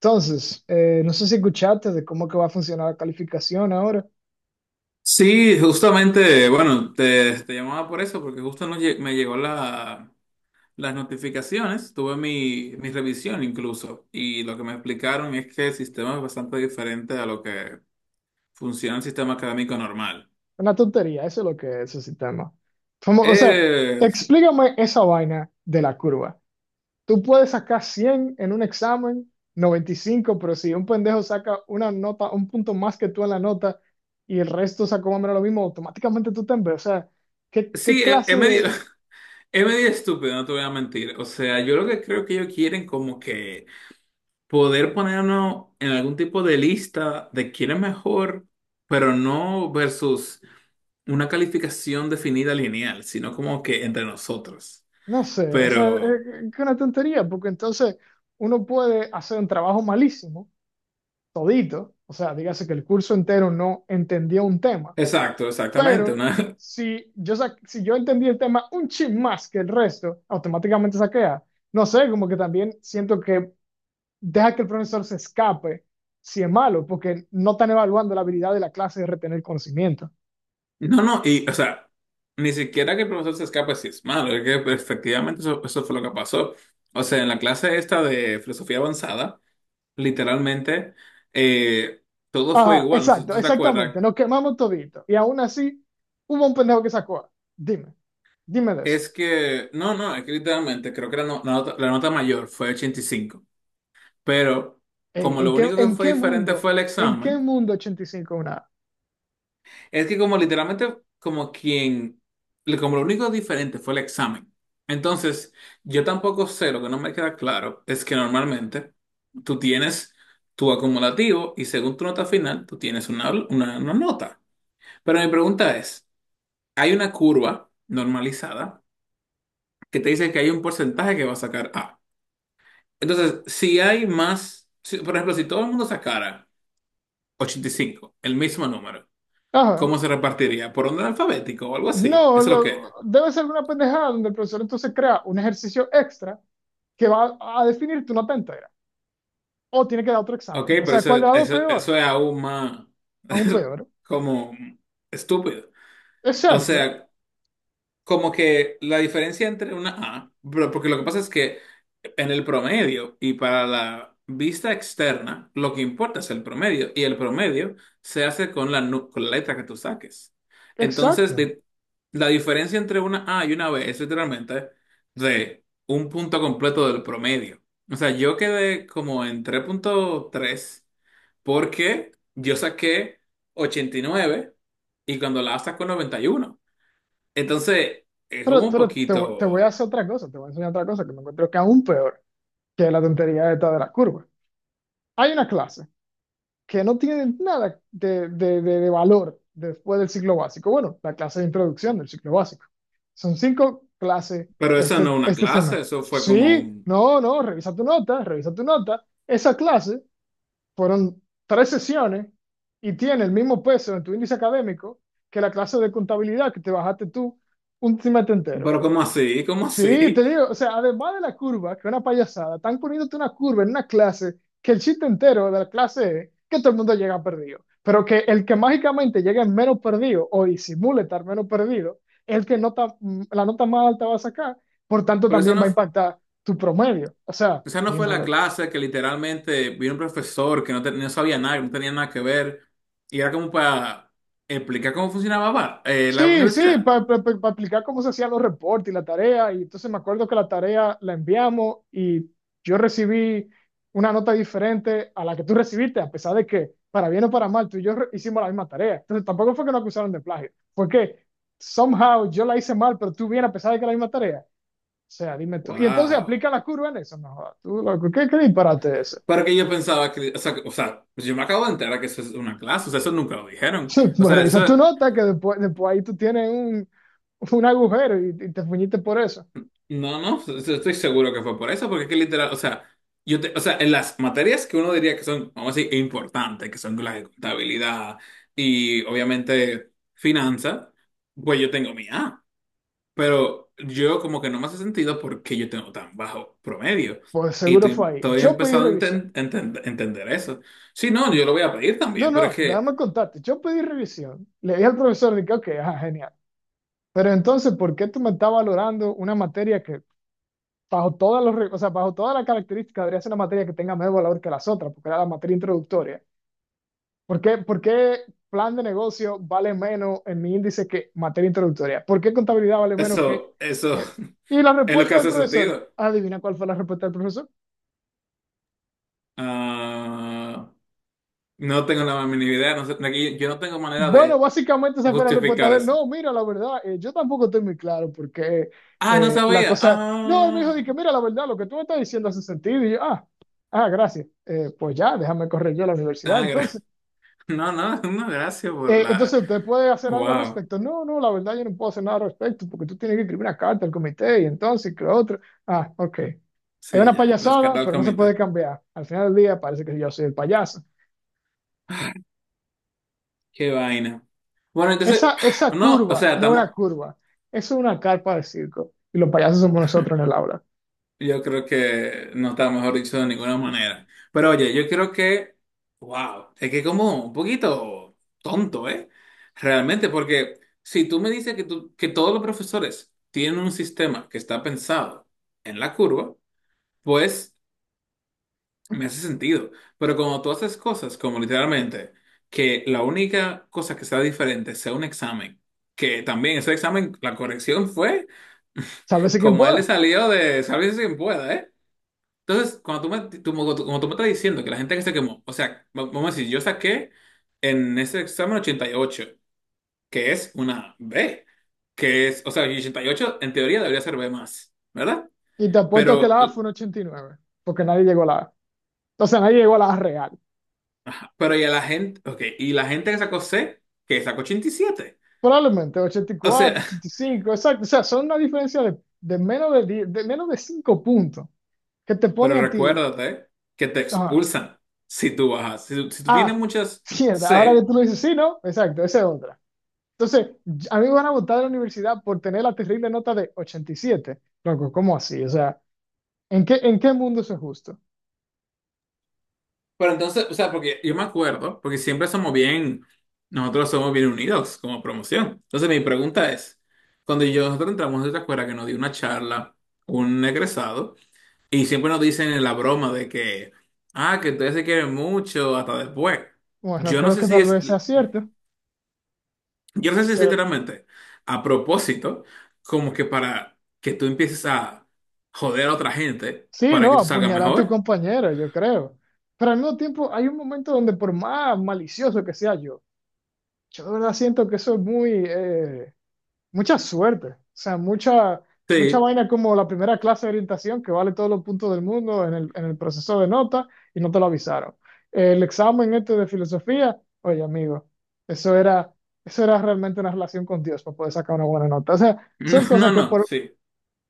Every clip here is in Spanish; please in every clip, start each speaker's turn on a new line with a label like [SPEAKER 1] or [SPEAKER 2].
[SPEAKER 1] Entonces, no sé si escuchaste de cómo que va a funcionar la calificación ahora.
[SPEAKER 2] Sí, justamente, bueno, te llamaba por eso, porque justo me llegó las notificaciones, tuve mi revisión incluso, y lo que me explicaron es que el sistema es bastante diferente a lo que funciona el sistema académico normal.
[SPEAKER 1] Una tontería, eso es lo que es ese sistema. Como, o sea,
[SPEAKER 2] Es,
[SPEAKER 1] explícame esa vaina de la curva. Tú puedes sacar 100 en un examen, 95, pero si un pendejo saca una nota, un punto más que tú en la nota y el resto sacó más o menos lo mismo, automáticamente tú te ves. O sea, ¿qué, qué
[SPEAKER 2] sí, es,
[SPEAKER 1] clase
[SPEAKER 2] es medio,
[SPEAKER 1] de...?
[SPEAKER 2] es medio estúpido, no te voy a mentir. O sea, yo lo que creo que ellos quieren como que poder ponernos en algún tipo de lista de quién es mejor, pero no versus una calificación definida lineal, sino como que entre nosotros.
[SPEAKER 1] No sé, o sea,
[SPEAKER 2] Pero,
[SPEAKER 1] es una tontería, porque entonces uno puede hacer un trabajo malísimo todito, o sea, dígase que el curso entero no entendió un tema,
[SPEAKER 2] exacto, exactamente.
[SPEAKER 1] pero si yo, si yo entendí el tema un chin más que el resto, automáticamente saqué A. No sé, como que también siento que deja que el profesor se escape si es malo, porque no están evaluando la habilidad de la clase de retener conocimiento.
[SPEAKER 2] No, no, y, o sea, ni siquiera que el profesor se escape si es malo, es que pues, efectivamente eso fue lo que pasó. O sea, en la clase esta de filosofía avanzada, literalmente, eh, todo fue
[SPEAKER 1] Ajá,
[SPEAKER 2] igual, no sé si
[SPEAKER 1] exacto,
[SPEAKER 2] tú te acuerdas.
[SPEAKER 1] exactamente, nos quemamos todito. Y aún así, hubo un pendejo que sacó A. Dime, dime de eso.
[SPEAKER 2] Es que, no, no, es que literalmente creo que la, no- la nota mayor fue 85, pero
[SPEAKER 1] Ey,
[SPEAKER 2] como lo único que fue diferente fue el
[SPEAKER 1] en qué
[SPEAKER 2] examen.
[SPEAKER 1] mundo 85 es una A?
[SPEAKER 2] Es que como literalmente, como quien, como lo único diferente fue el examen. Entonces, yo tampoco sé, lo que no me queda claro es que normalmente tú tienes tu acumulativo y según tu nota final, tú tienes una nota. Pero mi pregunta es, hay una curva normalizada que te dice que hay un porcentaje que va a sacar A. Entonces, si hay más, por ejemplo, si todo el mundo sacara 85, el mismo número,
[SPEAKER 1] Ajá.
[SPEAKER 2] ¿cómo se repartiría? ¿Por orden alfabético o algo
[SPEAKER 1] No,
[SPEAKER 2] así? Eso es lo que...
[SPEAKER 1] debe ser una pendejada donde el profesor entonces crea un ejercicio extra que va a definirte una pentagra. O tiene que dar otro
[SPEAKER 2] Ok,
[SPEAKER 1] examen. O
[SPEAKER 2] pero
[SPEAKER 1] sea,
[SPEAKER 2] eso,
[SPEAKER 1] ¿cuál de las dos
[SPEAKER 2] eso,
[SPEAKER 1] peor?
[SPEAKER 2] eso es aún más
[SPEAKER 1] Aún peor.
[SPEAKER 2] como estúpido. O
[SPEAKER 1] Exacto,
[SPEAKER 2] sea, como que la diferencia entre una A, porque lo que pasa es que en el promedio y para la vista externa, lo que importa es el promedio y el promedio se hace con con la letra que tú saques. Entonces,
[SPEAKER 1] exacto.
[SPEAKER 2] la diferencia entre una A y una B es literalmente de un punto completo del promedio. O sea, yo quedé como en 3,3 porque yo saqué 89 y cuando la A y uno. Entonces, es como
[SPEAKER 1] Pero,
[SPEAKER 2] un
[SPEAKER 1] te voy a
[SPEAKER 2] poquito,
[SPEAKER 1] hacer otra cosa, te voy a enseñar otra cosa que me encuentro que aún peor que la tontería esta de la curva. Hay una clase que no tienen nada de, de valor después del ciclo básico. Bueno, la clase de introducción del ciclo básico. Son cinco clases
[SPEAKER 2] pero eso no es una
[SPEAKER 1] este
[SPEAKER 2] clase,
[SPEAKER 1] semestre.
[SPEAKER 2] eso fue como
[SPEAKER 1] Sí,
[SPEAKER 2] un...
[SPEAKER 1] no, no, revisa tu nota, revisa tu nota. Esa clase fueron tres sesiones y tiene el mismo peso en tu índice académico que la clase de contabilidad que te bajaste tú un semestre entero.
[SPEAKER 2] Pero ¿cómo así? ¿Cómo
[SPEAKER 1] Sí, te
[SPEAKER 2] así?
[SPEAKER 1] digo, o sea, además de la curva, que es una payasada, están poniéndote una curva en una clase que el chiste entero de la clase es que todo el mundo llega perdido, pero que el que mágicamente llegue menos perdido o disimule estar menos perdido, el que nota, la nota más alta va a sacar, por tanto
[SPEAKER 2] Pero eso
[SPEAKER 1] también
[SPEAKER 2] no,
[SPEAKER 1] va a impactar tu promedio. O sea,
[SPEAKER 2] esa no fue la
[SPEAKER 1] dímelo.
[SPEAKER 2] clase que literalmente vino un profesor que no sabía nada, que no tenía nada que ver, y era como para explicar cómo funcionaba la
[SPEAKER 1] Sí, sí,
[SPEAKER 2] universidad.
[SPEAKER 1] para explicar cómo se hacían los reportes y la tarea. Y entonces me acuerdo que la tarea la enviamos y yo recibí una nota diferente a la que tú recibiste, a pesar de que, para bien o para mal, tú y yo hicimos la misma tarea. Entonces tampoco fue que nos acusaron de plagio, fue que somehow yo la hice mal, pero tú bien, a pesar de que era la misma tarea. O sea, dime tú. Y entonces
[SPEAKER 2] Wow.
[SPEAKER 1] aplica la curva en eso. No, jodas, tú, loco, ¿qué, qué disparate es
[SPEAKER 2] Pero que yo pensaba que, o sea, o sea, pues yo me acabo de enterar que eso es una clase, o sea, eso nunca lo dijeron.
[SPEAKER 1] ese?
[SPEAKER 2] O
[SPEAKER 1] Pues
[SPEAKER 2] sea,
[SPEAKER 1] revisa tu
[SPEAKER 2] eso...
[SPEAKER 1] nota, que después, después ahí tú tienes un agujero y te fuñiste por eso.
[SPEAKER 2] No, no, estoy seguro que fue por eso, porque es que literal, o sea, o sea, en las materias que uno diría que son, vamos a decir, importantes, que son las de contabilidad y obviamente finanzas, pues yo tengo mi A, pero yo como que no me hace sentido porque yo tengo tan bajo promedio,
[SPEAKER 1] Pues
[SPEAKER 2] y
[SPEAKER 1] seguro
[SPEAKER 2] estoy,
[SPEAKER 1] fue ahí.
[SPEAKER 2] todavía he
[SPEAKER 1] Yo pedí
[SPEAKER 2] empezado a
[SPEAKER 1] revisión.
[SPEAKER 2] entender eso. Sí, no, yo lo voy a pedir
[SPEAKER 1] No,
[SPEAKER 2] también, pero es
[SPEAKER 1] no,
[SPEAKER 2] que
[SPEAKER 1] déjame contarte. Yo pedí revisión. Le dije al profesor, dije, ok, ajá, genial. Pero entonces, ¿por qué tú me estás valorando una materia que bajo todas los, o sea, bajo todas las características debería ser una materia que tenga menos valor que las otras, porque era la materia introductoria? Por qué plan de negocio vale menos en mi índice que materia introductoria? ¿Por qué contabilidad vale menos que...
[SPEAKER 2] eso
[SPEAKER 1] eh? Y la
[SPEAKER 2] es lo que
[SPEAKER 1] respuesta del
[SPEAKER 2] hace
[SPEAKER 1] profesor,
[SPEAKER 2] sentido.
[SPEAKER 1] adivina cuál fue la respuesta del profesor.
[SPEAKER 2] Ah, no tengo la mínima idea, no sé, aquí yo no tengo manera
[SPEAKER 1] Bueno,
[SPEAKER 2] de
[SPEAKER 1] básicamente esa fue la respuesta
[SPEAKER 2] justificar
[SPEAKER 1] de él.
[SPEAKER 2] eso.
[SPEAKER 1] No, mira, la verdad, yo tampoco estoy muy claro porque
[SPEAKER 2] Ah, no
[SPEAKER 1] la
[SPEAKER 2] sabía.
[SPEAKER 1] cosa... No, él me dijo,
[SPEAKER 2] Ah,
[SPEAKER 1] dije, mira, la verdad, lo que tú me estás diciendo hace sentido. Y yo, ah, ah, gracias. Pues ya, déjame correr yo a la universidad.
[SPEAKER 2] ah,
[SPEAKER 1] Entonces,
[SPEAKER 2] no, no, no, gracias por la.
[SPEAKER 1] Entonces, ¿usted puede hacer algo al
[SPEAKER 2] Wow,
[SPEAKER 1] respecto? No, no, la verdad, yo no puedo hacer nada al respecto porque tú tienes que escribir una carta al comité y entonces, que lo otro. Ah, ok. Es
[SPEAKER 2] sí,
[SPEAKER 1] una
[SPEAKER 2] ya, las
[SPEAKER 1] payasada,
[SPEAKER 2] cartas al
[SPEAKER 1] pero no se puede
[SPEAKER 2] comité.
[SPEAKER 1] cambiar. Al final del día parece que yo soy el payaso.
[SPEAKER 2] Ah, qué vaina. Bueno, entonces,
[SPEAKER 1] Esa, esa
[SPEAKER 2] no, o
[SPEAKER 1] curva
[SPEAKER 2] sea,
[SPEAKER 1] no es una
[SPEAKER 2] estamos.
[SPEAKER 1] curva, eso es una carpa de circo. Y los payasos somos nosotros en el aula.
[SPEAKER 2] Yo creo que no está mejor dicho de ninguna manera. Pero oye, yo creo que, wow, es que como un poquito tonto, ¿eh? Realmente, porque si tú me dices que, que todos los profesores tienen un sistema que está pensado en la curva, pues me hace sentido. Pero cuando tú haces cosas como literalmente que la única cosa que sea diferente sea un examen, que también ese examen, la corrección fue
[SPEAKER 1] Sálvese quien
[SPEAKER 2] como a él le
[SPEAKER 1] pueda.
[SPEAKER 2] salió de, sabes si pueda, ¿eh? Entonces, cuando tú me, tú- como tú me estás diciendo que la gente que se quemó, o sea, vamos a decir, yo saqué en ese examen 88, que es una B, que es, o sea, y 88 en teoría debería ser B más, ¿verdad?
[SPEAKER 1] Y te apuesto que
[SPEAKER 2] Pero,
[SPEAKER 1] la A fue un 89 porque nadie llegó a la A. O sea, nadie llegó a la A real.
[SPEAKER 2] ajá, pero y a la gente, ok, y la gente que sacó C, que sacó 87.
[SPEAKER 1] Probablemente ochenta ochenta y
[SPEAKER 2] O
[SPEAKER 1] cuatro
[SPEAKER 2] sea,
[SPEAKER 1] ochenta y cinco exacto. O sea, son una diferencia de menos de 10 de menos de 5 puntos que te
[SPEAKER 2] pero
[SPEAKER 1] pone a ti.
[SPEAKER 2] recuérdate que te
[SPEAKER 1] Ajá,
[SPEAKER 2] expulsan si tú bajas, si tú tienes
[SPEAKER 1] ah,
[SPEAKER 2] muchas
[SPEAKER 1] mierda. Ahora que
[SPEAKER 2] C.
[SPEAKER 1] tú lo dices, sí, ¿no? Exacto, esa es otra. Entonces, a mí me van a votar de la universidad por tener la terrible nota de 87. Loco, ¿cómo así? O sea, ¿en qué, en qué mundo eso es justo?
[SPEAKER 2] Pero entonces, o sea, porque yo me acuerdo, porque siempre somos bien, nosotros somos bien unidos como promoción. Entonces mi pregunta es, nosotros entramos a esta escuela que nos dio una charla, un egresado, y siempre nos dicen en la broma de que, ah, que ustedes se quieren mucho hasta después.
[SPEAKER 1] Bueno,
[SPEAKER 2] Yo no
[SPEAKER 1] creo
[SPEAKER 2] sé
[SPEAKER 1] que
[SPEAKER 2] si
[SPEAKER 1] tal
[SPEAKER 2] es,
[SPEAKER 1] vez sea cierto,
[SPEAKER 2] yo no sé si es
[SPEAKER 1] pero
[SPEAKER 2] literalmente a propósito, como que para que tú empieces a joder a otra gente
[SPEAKER 1] sí,
[SPEAKER 2] para que
[SPEAKER 1] no,
[SPEAKER 2] tú salgas
[SPEAKER 1] apuñalar a tu
[SPEAKER 2] mejor.
[SPEAKER 1] compañero, yo creo. Pero al mismo tiempo, hay un momento donde por más malicioso que sea yo, yo de verdad siento que eso es muy, mucha suerte. O sea, mucha, mucha
[SPEAKER 2] Sí,
[SPEAKER 1] vaina como la primera clase de orientación que vale todos los puntos del mundo en el proceso de nota y no te lo avisaron. El examen este de filosofía, oye, amigo, eso era, eso era realmente una relación con Dios para poder sacar una buena nota. O sea,
[SPEAKER 2] no,
[SPEAKER 1] son cosas
[SPEAKER 2] no,
[SPEAKER 1] que
[SPEAKER 2] no, sí.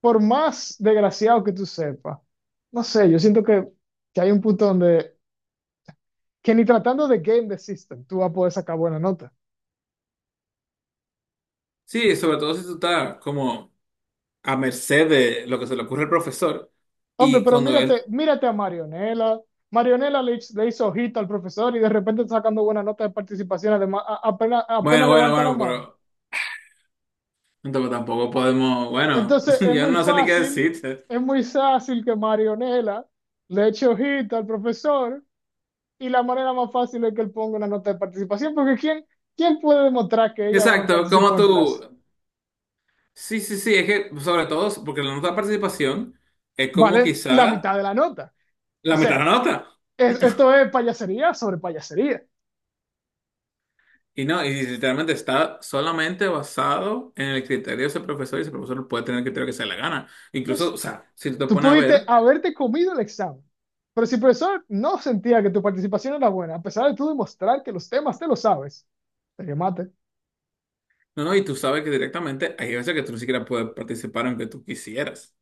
[SPEAKER 1] por más desgraciado que tú sepas, no sé, yo siento que hay un punto donde, que ni tratando de game the system, tú vas a poder sacar buena nota.
[SPEAKER 2] Sí, sobre todo si tú estás como a merced de lo que se le ocurre al profesor
[SPEAKER 1] Hombre,
[SPEAKER 2] y
[SPEAKER 1] pero
[SPEAKER 2] cuando él,
[SPEAKER 1] mírate, mírate a Marionela. Marionela le, le hizo ojito al profesor y de repente está sacando buena nota de participación, además, apenas,
[SPEAKER 2] bueno,
[SPEAKER 1] apenas
[SPEAKER 2] bueno,
[SPEAKER 1] levanta la
[SPEAKER 2] bueno,
[SPEAKER 1] mano.
[SPEAKER 2] pero entonces tampoco podemos, bueno,
[SPEAKER 1] Entonces
[SPEAKER 2] yo no sé ni qué decirte.
[SPEAKER 1] es muy fácil que Marionela le eche ojito al profesor y la manera más fácil es que él ponga una nota de participación, porque ¿quién, quién puede demostrar que ella bueno
[SPEAKER 2] Exacto, como
[SPEAKER 1] participó en
[SPEAKER 2] tú,
[SPEAKER 1] clase?
[SPEAKER 2] sí, sí, sí, es que sobre todo porque la nota de participación es como
[SPEAKER 1] Vale la
[SPEAKER 2] quizá
[SPEAKER 1] mitad de la nota. O
[SPEAKER 2] la mitad de la
[SPEAKER 1] sea,
[SPEAKER 2] nota,
[SPEAKER 1] esto es payasería sobre payasería.
[SPEAKER 2] y no, y literalmente está solamente basado en el criterio de ese profesor, y ese profesor puede tener el criterio que se le gana. Incluso, o
[SPEAKER 1] Exacto.
[SPEAKER 2] sea, si tú te
[SPEAKER 1] Tú
[SPEAKER 2] pones a
[SPEAKER 1] pudiste
[SPEAKER 2] ver...
[SPEAKER 1] haberte comido el examen, pero si el profesor no sentía que tu participación era buena, a pesar de tú demostrar que los temas te los sabes, te quemaste.
[SPEAKER 2] No, no, y tú sabes que directamente hay veces que tú ni siquiera puedes participar aunque tú quisieras.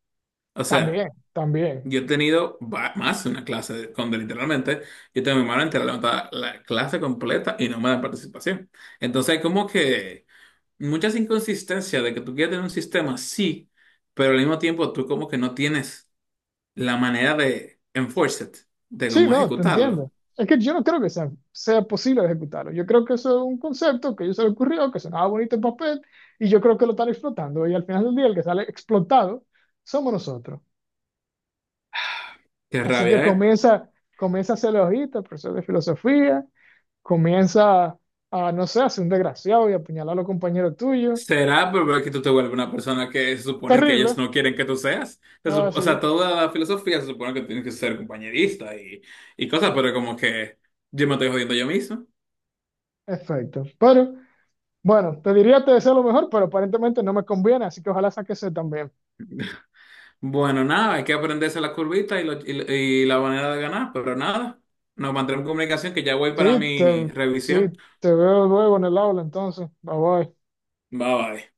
[SPEAKER 2] O sea,
[SPEAKER 1] También, también.
[SPEAKER 2] yo he tenido más de una donde literalmente yo tengo mi mano entera levantada la clase completa y no me dan participación. Entonces hay como que muchas inconsistencias de que tú quieres tener un sistema, sí, pero al mismo tiempo tú como que no tienes la manera de enforce it, de
[SPEAKER 1] Sí,
[SPEAKER 2] cómo
[SPEAKER 1] no, te entiendo.
[SPEAKER 2] ejecutarlo.
[SPEAKER 1] Es que yo no creo que sea posible ejecutarlo. Yo creo que eso es un concepto que a ellos se le ocurrió, que sonaba bonito en papel, y yo creo que lo están explotando. Y al final del día, el que sale explotado somos nosotros.
[SPEAKER 2] Qué
[SPEAKER 1] Así
[SPEAKER 2] rabia,
[SPEAKER 1] que
[SPEAKER 2] ¿eh?
[SPEAKER 1] comienza, comienza a ser logista, profesor de filosofía, comienza a, no sé, a ser un desgraciado y a apuñalar a los compañeros tuyos.
[SPEAKER 2] ¿Será pero que tú te vuelves una persona que se supone que ellos
[SPEAKER 1] Terrible.
[SPEAKER 2] no quieren que tú seas?
[SPEAKER 1] Ah,
[SPEAKER 2] O sea,
[SPEAKER 1] sí,
[SPEAKER 2] toda la filosofía se supone que tienes que ser compañerista y cosas, pero como que yo me estoy jodiendo yo mismo.
[SPEAKER 1] perfecto. Pero, bueno, te diría te deseo lo mejor, pero aparentemente no me conviene, así que ojalá saques ese también.
[SPEAKER 2] Bueno, nada, hay que aprenderse la curvita y la manera de ganar, pero nada, nos mantendremos en comunicación que ya voy para
[SPEAKER 1] Sí, te,
[SPEAKER 2] mi
[SPEAKER 1] sí,
[SPEAKER 2] revisión.
[SPEAKER 1] te veo luego en el aula entonces. Bye bye.
[SPEAKER 2] Bye bye.